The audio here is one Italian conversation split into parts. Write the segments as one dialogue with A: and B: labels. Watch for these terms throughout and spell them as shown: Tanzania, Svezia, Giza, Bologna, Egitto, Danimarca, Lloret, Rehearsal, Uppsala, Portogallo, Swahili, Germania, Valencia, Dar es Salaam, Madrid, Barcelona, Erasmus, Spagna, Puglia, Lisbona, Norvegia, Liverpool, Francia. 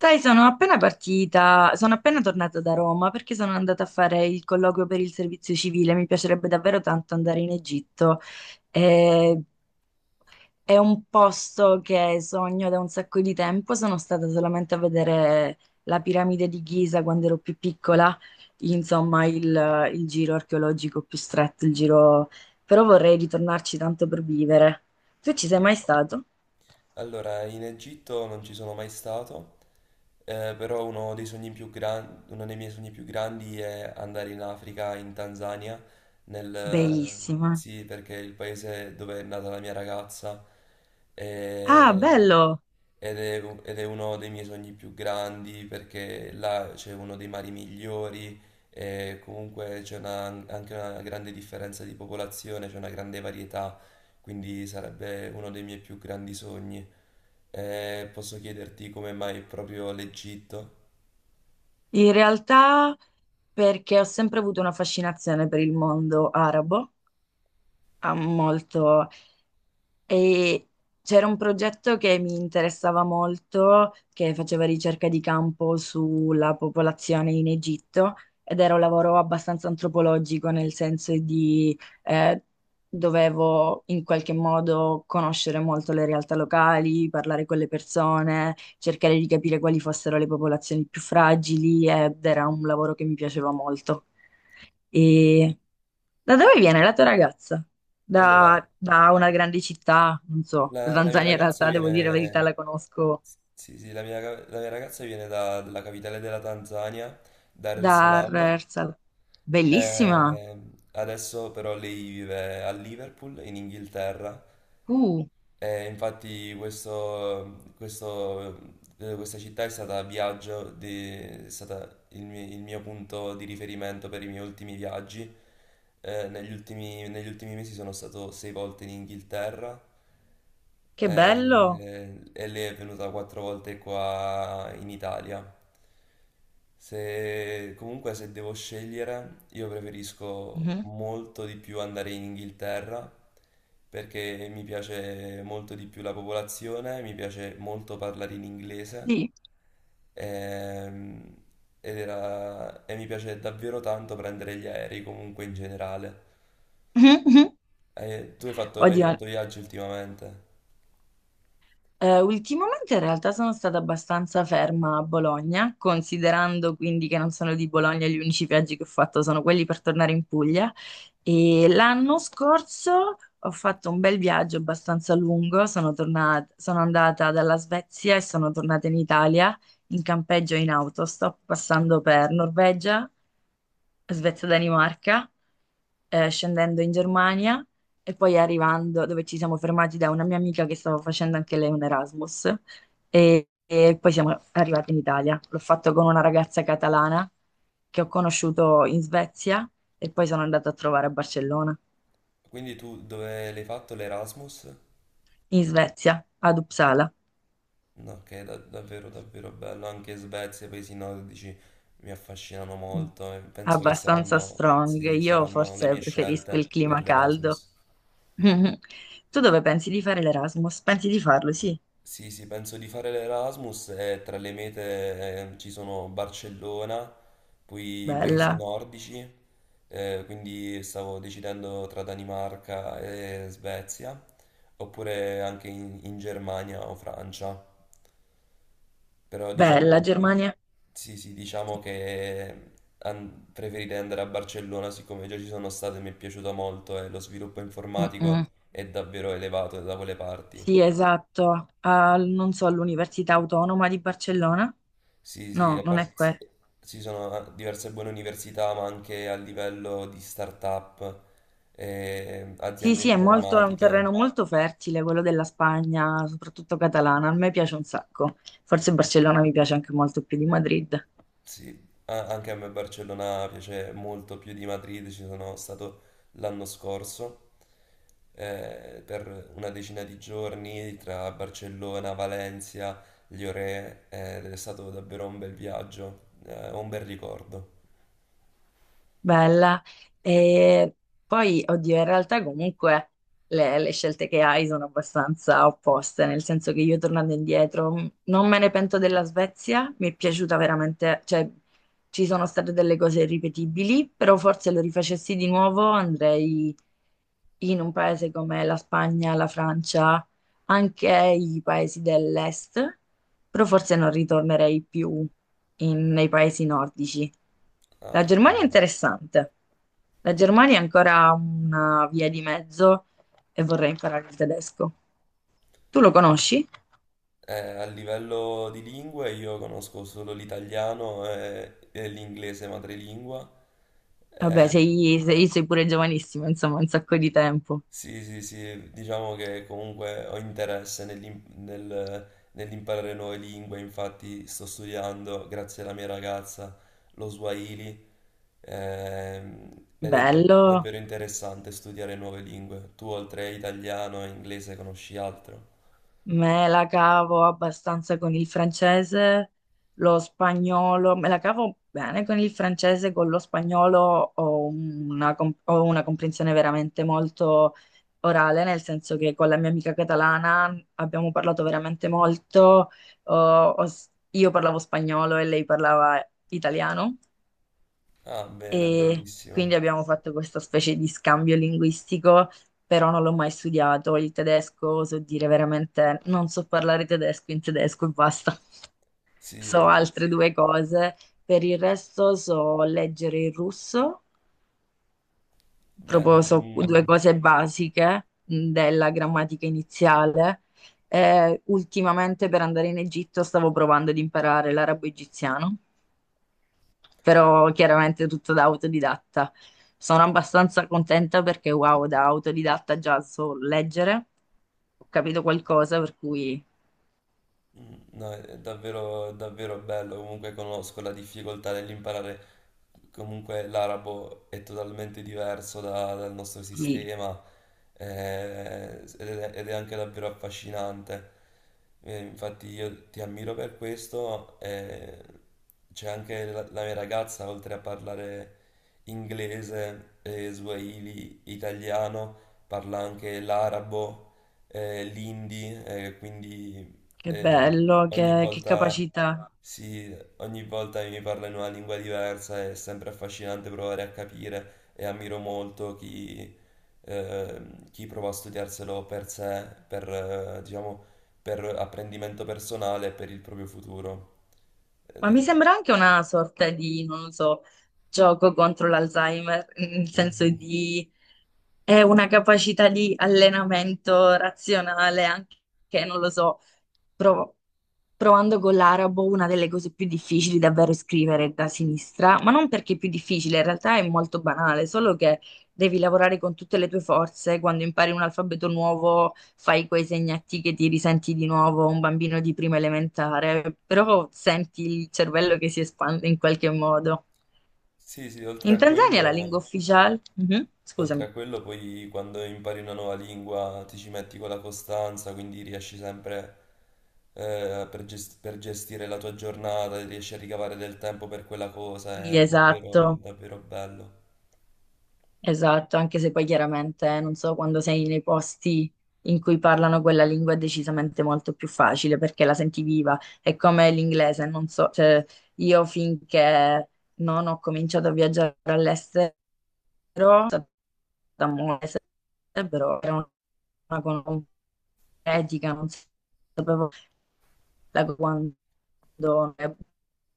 A: Sai, sono appena partita, sono appena tornata da Roma perché sono andata a fare il colloquio per il servizio civile. Mi piacerebbe davvero tanto andare in Egitto. Eh, è un posto che sogno da un sacco di tempo. Sono stata solamente a vedere la piramide di Giza quando ero più piccola, insomma, il giro archeologico più stretto, il giro... però vorrei ritornarci tanto per vivere. Tu ci sei mai stato?
B: Allora, in Egitto non ci sono mai stato, però uno dei miei sogni più grandi è andare in Africa, in Tanzania, nel...
A: Bellissima.
B: sì, perché è il paese dove è nata la mia ragazza
A: Ah,
B: e-
A: bello!
B: ed è uno dei miei sogni più grandi perché là c'è uno dei mari migliori e comunque anche una grande differenza di popolazione, c'è una grande varietà, quindi sarebbe uno dei miei più grandi sogni. Posso chiederti come mai proprio l'Egitto?
A: In realtà perché ho sempre avuto una fascinazione per il mondo arabo, ha molto, e c'era un progetto che mi interessava molto, che faceva ricerca di campo sulla popolazione in Egitto ed era un lavoro abbastanza antropologico, nel senso di eh, dovevo in qualche modo conoscere molto le realtà locali, parlare con le persone, cercare di capire quali fossero le popolazioni più fragili ed era un lavoro che mi piaceva molto. E da dove viene la tua ragazza?
B: Allora,
A: Da una grande città, non so, la
B: la mia
A: Tanzania in
B: ragazza
A: realtà, devo dire la verità,
B: viene...
A: la conosco
B: Sì, sì, la mia ragazza viene dalla capitale della Tanzania, Dar es
A: da
B: Salaam.
A: Rehearsal. Bellissima!
B: Eh, Adesso però lei vive a Liverpool, in Inghilterra.
A: Uh,
B: E infatti questa città è stata il mio punto di riferimento per i miei ultimi viaggi. Negli ultimi mesi sono stato 6 volte in Inghilterra,
A: che bello!
B: e lei è venuta 4 volte qua in Italia. Se, comunque se devo scegliere, io preferisco
A: Mhm.
B: molto di più andare in Inghilterra perché mi piace molto di più la popolazione, mi piace molto parlare in inglese,
A: Sì.
B: ehm, e mi piace davvero tanto prendere gli aerei comunque in generale.
A: Mhm, mhm.
B: Hai
A: Oddio,
B: fatto viaggi ultimamente,
A: Ultimamente in realtà sono stata abbastanza ferma a Bologna, considerando quindi che non sono di Bologna, gli unici viaggi che ho fatto sono quelli per tornare in Puglia. E l'anno scorso ho fatto un bel viaggio abbastanza lungo, sono tornata, sono andata dalla Svezia e sono tornata in Italia in campeggio e in autostop, passando per Norvegia, Svezia-Danimarca, scendendo in Germania e poi arrivando dove ci siamo fermati da una mia amica che stava facendo anche lei un Erasmus e poi siamo arrivati in Italia. L'ho fatto con una ragazza catalana che ho conosciuto in Svezia e poi sono andata a trovare a Barcellona,
B: quindi tu dove l'hai fatto l'Erasmus?
A: in Svezia, ad Uppsala.
B: No, che è davvero davvero bello, anche Svezia e paesi nordici mi affascinano
A: Mm.
B: molto e penso che
A: Abbastanza
B: saranno,
A: strong.
B: sì,
A: Io
B: saranno le
A: forse
B: mie
A: preferisco il
B: scelte per
A: clima caldo.
B: l'Erasmus.
A: Tu dove pensi di fare l'Erasmus? Pensi di farlo? Sì,
B: Sì, sì, penso di fare l'Erasmus e tra le mete ci sono Barcellona, poi i paesi
A: bella.
B: nordici, quindi stavo decidendo tra Danimarca e Svezia, oppure anche in Germania o Francia. Però
A: Bella
B: diciamo,
A: Germania.
B: sì, sì, diciamo che preferirei andare a Barcellona siccome già ci sono stato e mi è piaciuta molto, e lo sviluppo informatico
A: Mm-mm.
B: è davvero elevato da quelle parti.
A: Sì, esatto. Al- non so, all'Università Autonoma di Barcellona?
B: Sì, sì,
A: No, non è
B: sì,
A: questo.
B: ci sono ah, diverse buone università, ma anche a livello di start-up,
A: Sì,
B: aziende
A: sì, è molto, è un
B: informatiche.
A: terreno molto fertile, quello della Spagna, soprattutto catalana. A me piace un sacco. Forse Barcellona mi piace anche molto più di Madrid.
B: Sì, anche a me Barcellona piace molto più di Madrid, ci sono stato l'anno scorso, per una decina di giorni tra Barcellona, Valencia, Lloret, ed è stato davvero un bel viaggio, un bel ricordo.
A: Bella. E poi, oddio, in realtà comunque le scelte che hai sono abbastanza opposte, nel senso che io tornando indietro non me ne pento della Svezia, mi è piaciuta veramente, cioè ci sono state delle cose irripetibili, però forse lo rifacessi di nuovo andrei in un paese come la Spagna, la Francia, anche i paesi dell'est, però forse non ritornerei più nei paesi nordici. La
B: Ah,
A: Germania è interessante. La Germania è ancora una via di mezzo e vorrei imparare il tedesco. Tu lo conosci?
B: a livello di lingue io conosco solo l'italiano e l'inglese madrelingua.
A: Vabbè,
B: eh,
A: sei pure giovanissimo, insomma, un sacco di tempo.
B: Sì, sì, sì, diciamo che comunque ho interesse nell'imparare nuove lingue, infatti sto studiando, grazie alla mia ragazza, lo Swahili, ed è
A: Bello.
B: davvero interessante studiare nuove lingue. Tu oltre a italiano e inglese conosci altro?
A: Me la cavo abbastanza con il francese, lo spagnolo, me la cavo bene con il francese, con lo spagnolo ho ho una comprensione veramente molto orale, nel senso che con la mia amica catalana abbiamo parlato veramente molto, ho- io parlavo spagnolo e lei parlava italiano
B: Ah, bene,
A: e
B: bellissimo.
A: quindi abbiamo fatto questa specie di scambio linguistico, però non l'ho mai studiato il tedesco, so dire veramente, non so parlare tedesco in tedesco e basta,
B: Sì,
A: so altre due cose, per il resto so leggere il russo,
B: beh,
A: proprio so due
B: mm,
A: cose basiche della grammatica iniziale. Ultimamente per andare in Egitto stavo provando ad imparare l'arabo egiziano però chiaramente tutto da autodidatta. Sono abbastanza contenta perché wow, da autodidatta già so leggere, ho capito qualcosa, per cui
B: mm, no, è davvero, davvero bello, comunque conosco la difficoltà dell'imparare, comunque l'arabo è totalmente diverso dal nostro
A: sì,
B: sistema, ed è anche davvero affascinante. Infatti io ti ammiro per questo, c'è anche la mia ragazza, oltre a parlare inglese, swahili, italiano, parla anche l'arabo, quindi
A: che
B: e
A: bello,
B: ogni
A: che
B: volta,
A: capacità.
B: si, ogni volta mi parla in una lingua diversa, è sempre affascinante provare a capire e ammiro molto chi, chi prova a studiarselo per sé, per, diciamo, per apprendimento personale e per il proprio futuro. Ed
A: Ma mi
B: è-
A: sembra anche una sorta di, non lo so, gioco contro l'Alzheimer, nel senso
B: Mhm.
A: di è una capacità di allenamento razionale anche, non lo so. Provo- Provando con l'arabo, una delle cose più difficili davvero è scrivere da sinistra, ma non perché è più difficile, in realtà è molto banale, solo che devi lavorare con tutte le tue forze, quando impari un alfabeto nuovo fai quei segnati che ti risenti di nuovo, un bambino di prima elementare, però senti il cervello che si espande in qualche modo.
B: Sì, sì, oltre
A: In
B: a
A: Tanzania la lingua
B: quello...
A: ufficiale? Mhm,
B: Oltre
A: scusami.
B: a quello, poi quando impari una nuova lingua ti ci metti con la costanza, quindi riesci sempre, per gestire la tua giornata, riesci a ricavare del tempo per quella cosa,
A: Sì,
B: è davvero,
A: esatto.
B: davvero bello.
A: Esatto, anche se poi chiaramente non so quando sei nei posti in cui parlano quella lingua è decisamente molto più facile perché la senti viva, è come l'inglese, non so, cioè io finché non ho cominciato a viaggiare all'estero, sono stata molto all'estero, però era una cosa etica, non sapevo la quando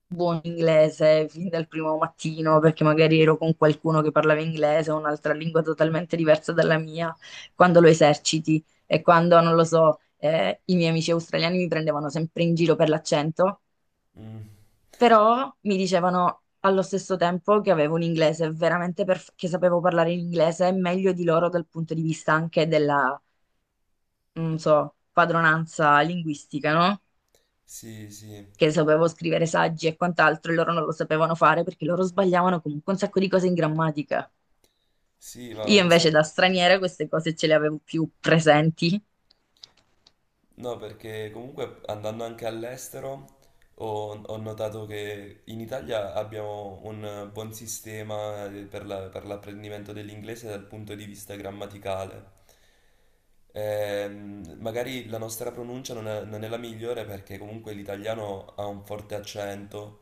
A: buon inglese fin dal primo mattino, perché magari ero con qualcuno che parlava inglese o un'altra lingua totalmente diversa dalla mia, quando lo eserciti e quando, non lo so, i miei amici australiani mi prendevano sempre in giro per l'accento,
B: Mm,
A: però mi dicevano allo stesso tempo che avevo un inglese veramente perfetto, che sapevo parlare in inglese meglio di loro dal punto di vista anche della, non so, padronanza linguistica, no?
B: sì, sì,
A: Che sapevo scrivere saggi e quant'altro, e loro non lo sapevano fare perché loro sbagliavano comunque un sacco di cose in grammatica.
B: sì, ma
A: Io
B: questa...
A: invece da straniera queste cose ce le avevo più presenti.
B: No, perché comunque andando anche all'estero ho notato che in Italia abbiamo un buon sistema per l'apprendimento dell'inglese dal punto di vista grammaticale. Magari la nostra pronuncia non è la migliore perché comunque l'italiano ha un forte accento,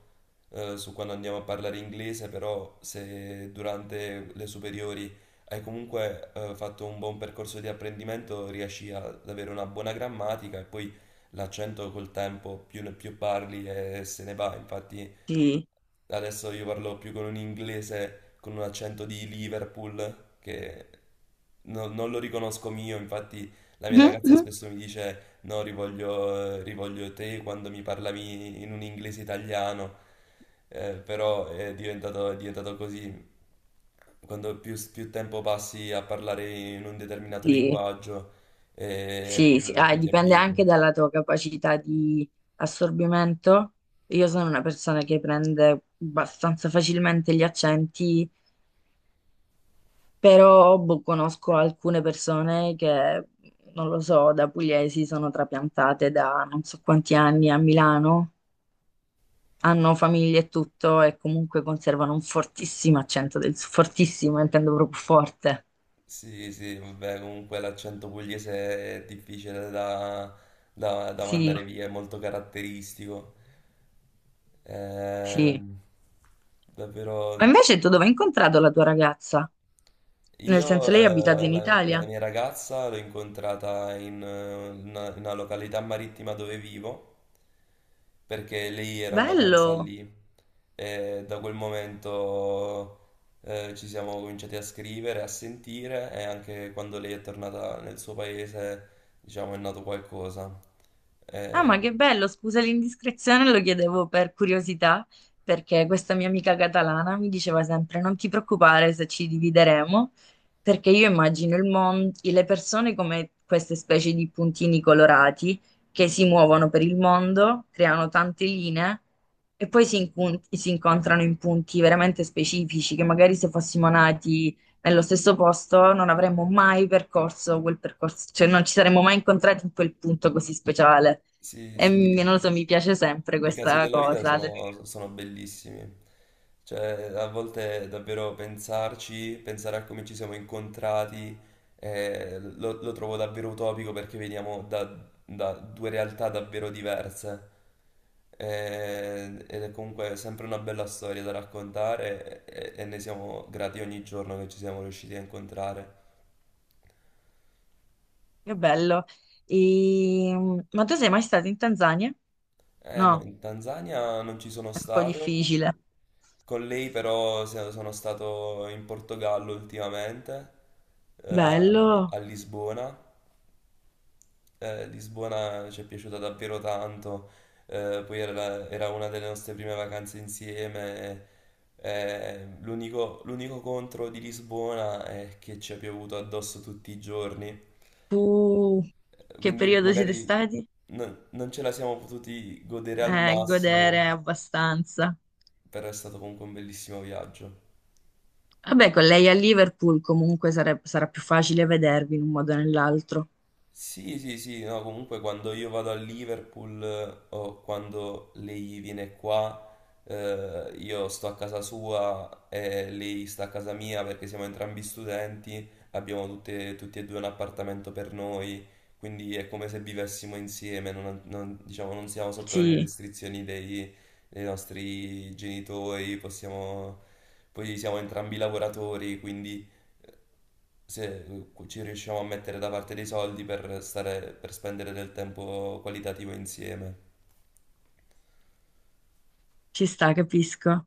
B: su quando andiamo a parlare inglese, però se durante le superiori hai comunque fatto un buon percorso di apprendimento, riesci ad avere una buona grammatica e poi l'accento col tempo più parli e se ne va. Infatti
A: Sì.
B: adesso io parlo più con un inglese con un accento di Liverpool che non lo riconosco mio, infatti la mia ragazza
A: Mhm.
B: spesso mi dice no, rivoglio te quando mi parlavi in un inglese italiano. Però è diventato così. Quando più tempo passi a parlare in un determinato
A: Sì,
B: linguaggio,
A: sì, sì. Ah, e
B: più ti
A: dipende anche
B: abitui.
A: dalla tua capacità di assorbimento. Io sono una persona che prende abbastanza facilmente gli accenti. Però boh, conosco alcune persone che, non lo so, da pugliesi sono trapiantate da non so quanti anni a Milano, hanno famiglie e tutto e comunque conservano un fortissimo accento del Sud, fortissimo, intendo proprio forte.
B: Sì, sì, vabbè, comunque l'accento pugliese è difficile da, da
A: Sì,
B: mandare via, è molto caratteristico.
A: sì.
B: Ehm,
A: Ma
B: davvero.
A: invece tu dove hai incontrato la tua ragazza? Nel senso
B: Io
A: lei abita in
B: la
A: Italia?
B: mia ragazza l'ho incontrata in in una località marittima dove vivo, perché lei era in vacanza
A: Bello!
B: lì e da quel momento ci siamo cominciati a scrivere, a sentire, e anche quando lei è tornata nel suo paese, diciamo, è nato qualcosa.
A: Ah,
B: Eh,
A: ma che bello, scusa l'indiscrezione, lo chiedevo per curiosità, perché questa mia amica catalana mi diceva sempre: non ti preoccupare se ci divideremo, perché io immagino il mondo, le persone come queste specie di puntini colorati che si muovono per il mondo, creano tante linee e poi si, si incontrano in punti veramente specifici, che magari se fossimo nati nello stesso posto non avremmo mai percorso quel percorso, cioè non ci saremmo mai incontrati in quel punto così speciale.
B: sì,
A: E
B: sì,
A: non lo so, mi piace sempre
B: i casi
A: questa
B: della vita
A: cosa. Che
B: sono bellissimi, cioè a volte davvero pensarci, pensare a come ci siamo incontrati, lo trovo davvero utopico perché veniamo da due realtà davvero diverse. Ed è comunque sempre una bella storia da raccontare, e ne siamo grati ogni giorno che ci siamo riusciti a incontrare.
A: bello. E, ma tu sei mai stato in Tanzania?
B: Eh no,
A: No,
B: in Tanzania non ci sono
A: è un po'
B: stato.
A: difficile.
B: Con lei però sono stato in Portogallo ultimamente,
A: Bello.
B: a Lisbona. Lisbona ci è piaciuta davvero tanto, era una delle nostre prime vacanze insieme. L'unico contro di Lisbona è che ci ha piovuto addosso tutti i giorni,
A: Tu che
B: quindi
A: periodo siete
B: magari
A: stati?
B: non ce la siamo potuti godere al
A: Godere
B: massimo,
A: abbastanza.
B: però è stato comunque un bellissimo viaggio.
A: Vabbè, con lei a Liverpool comunque sarà più facile vedervi in un modo o nell'altro.
B: Sì, sì, sì, no, comunque quando io vado a Liverpool, o quando lei viene qua, io sto a casa sua e lei sta a casa mia perché siamo entrambi studenti, abbiamo tutti e due un appartamento per noi, quindi è come se vivessimo insieme, diciamo, non siamo sotto le
A: Sì,
B: restrizioni dei, dei nostri genitori, possiamo, poi siamo entrambi lavoratori, quindi se ci riusciamo a mettere da parte dei soldi per stare, per spendere del tempo qualitativo insieme.
A: ci sta, capisco.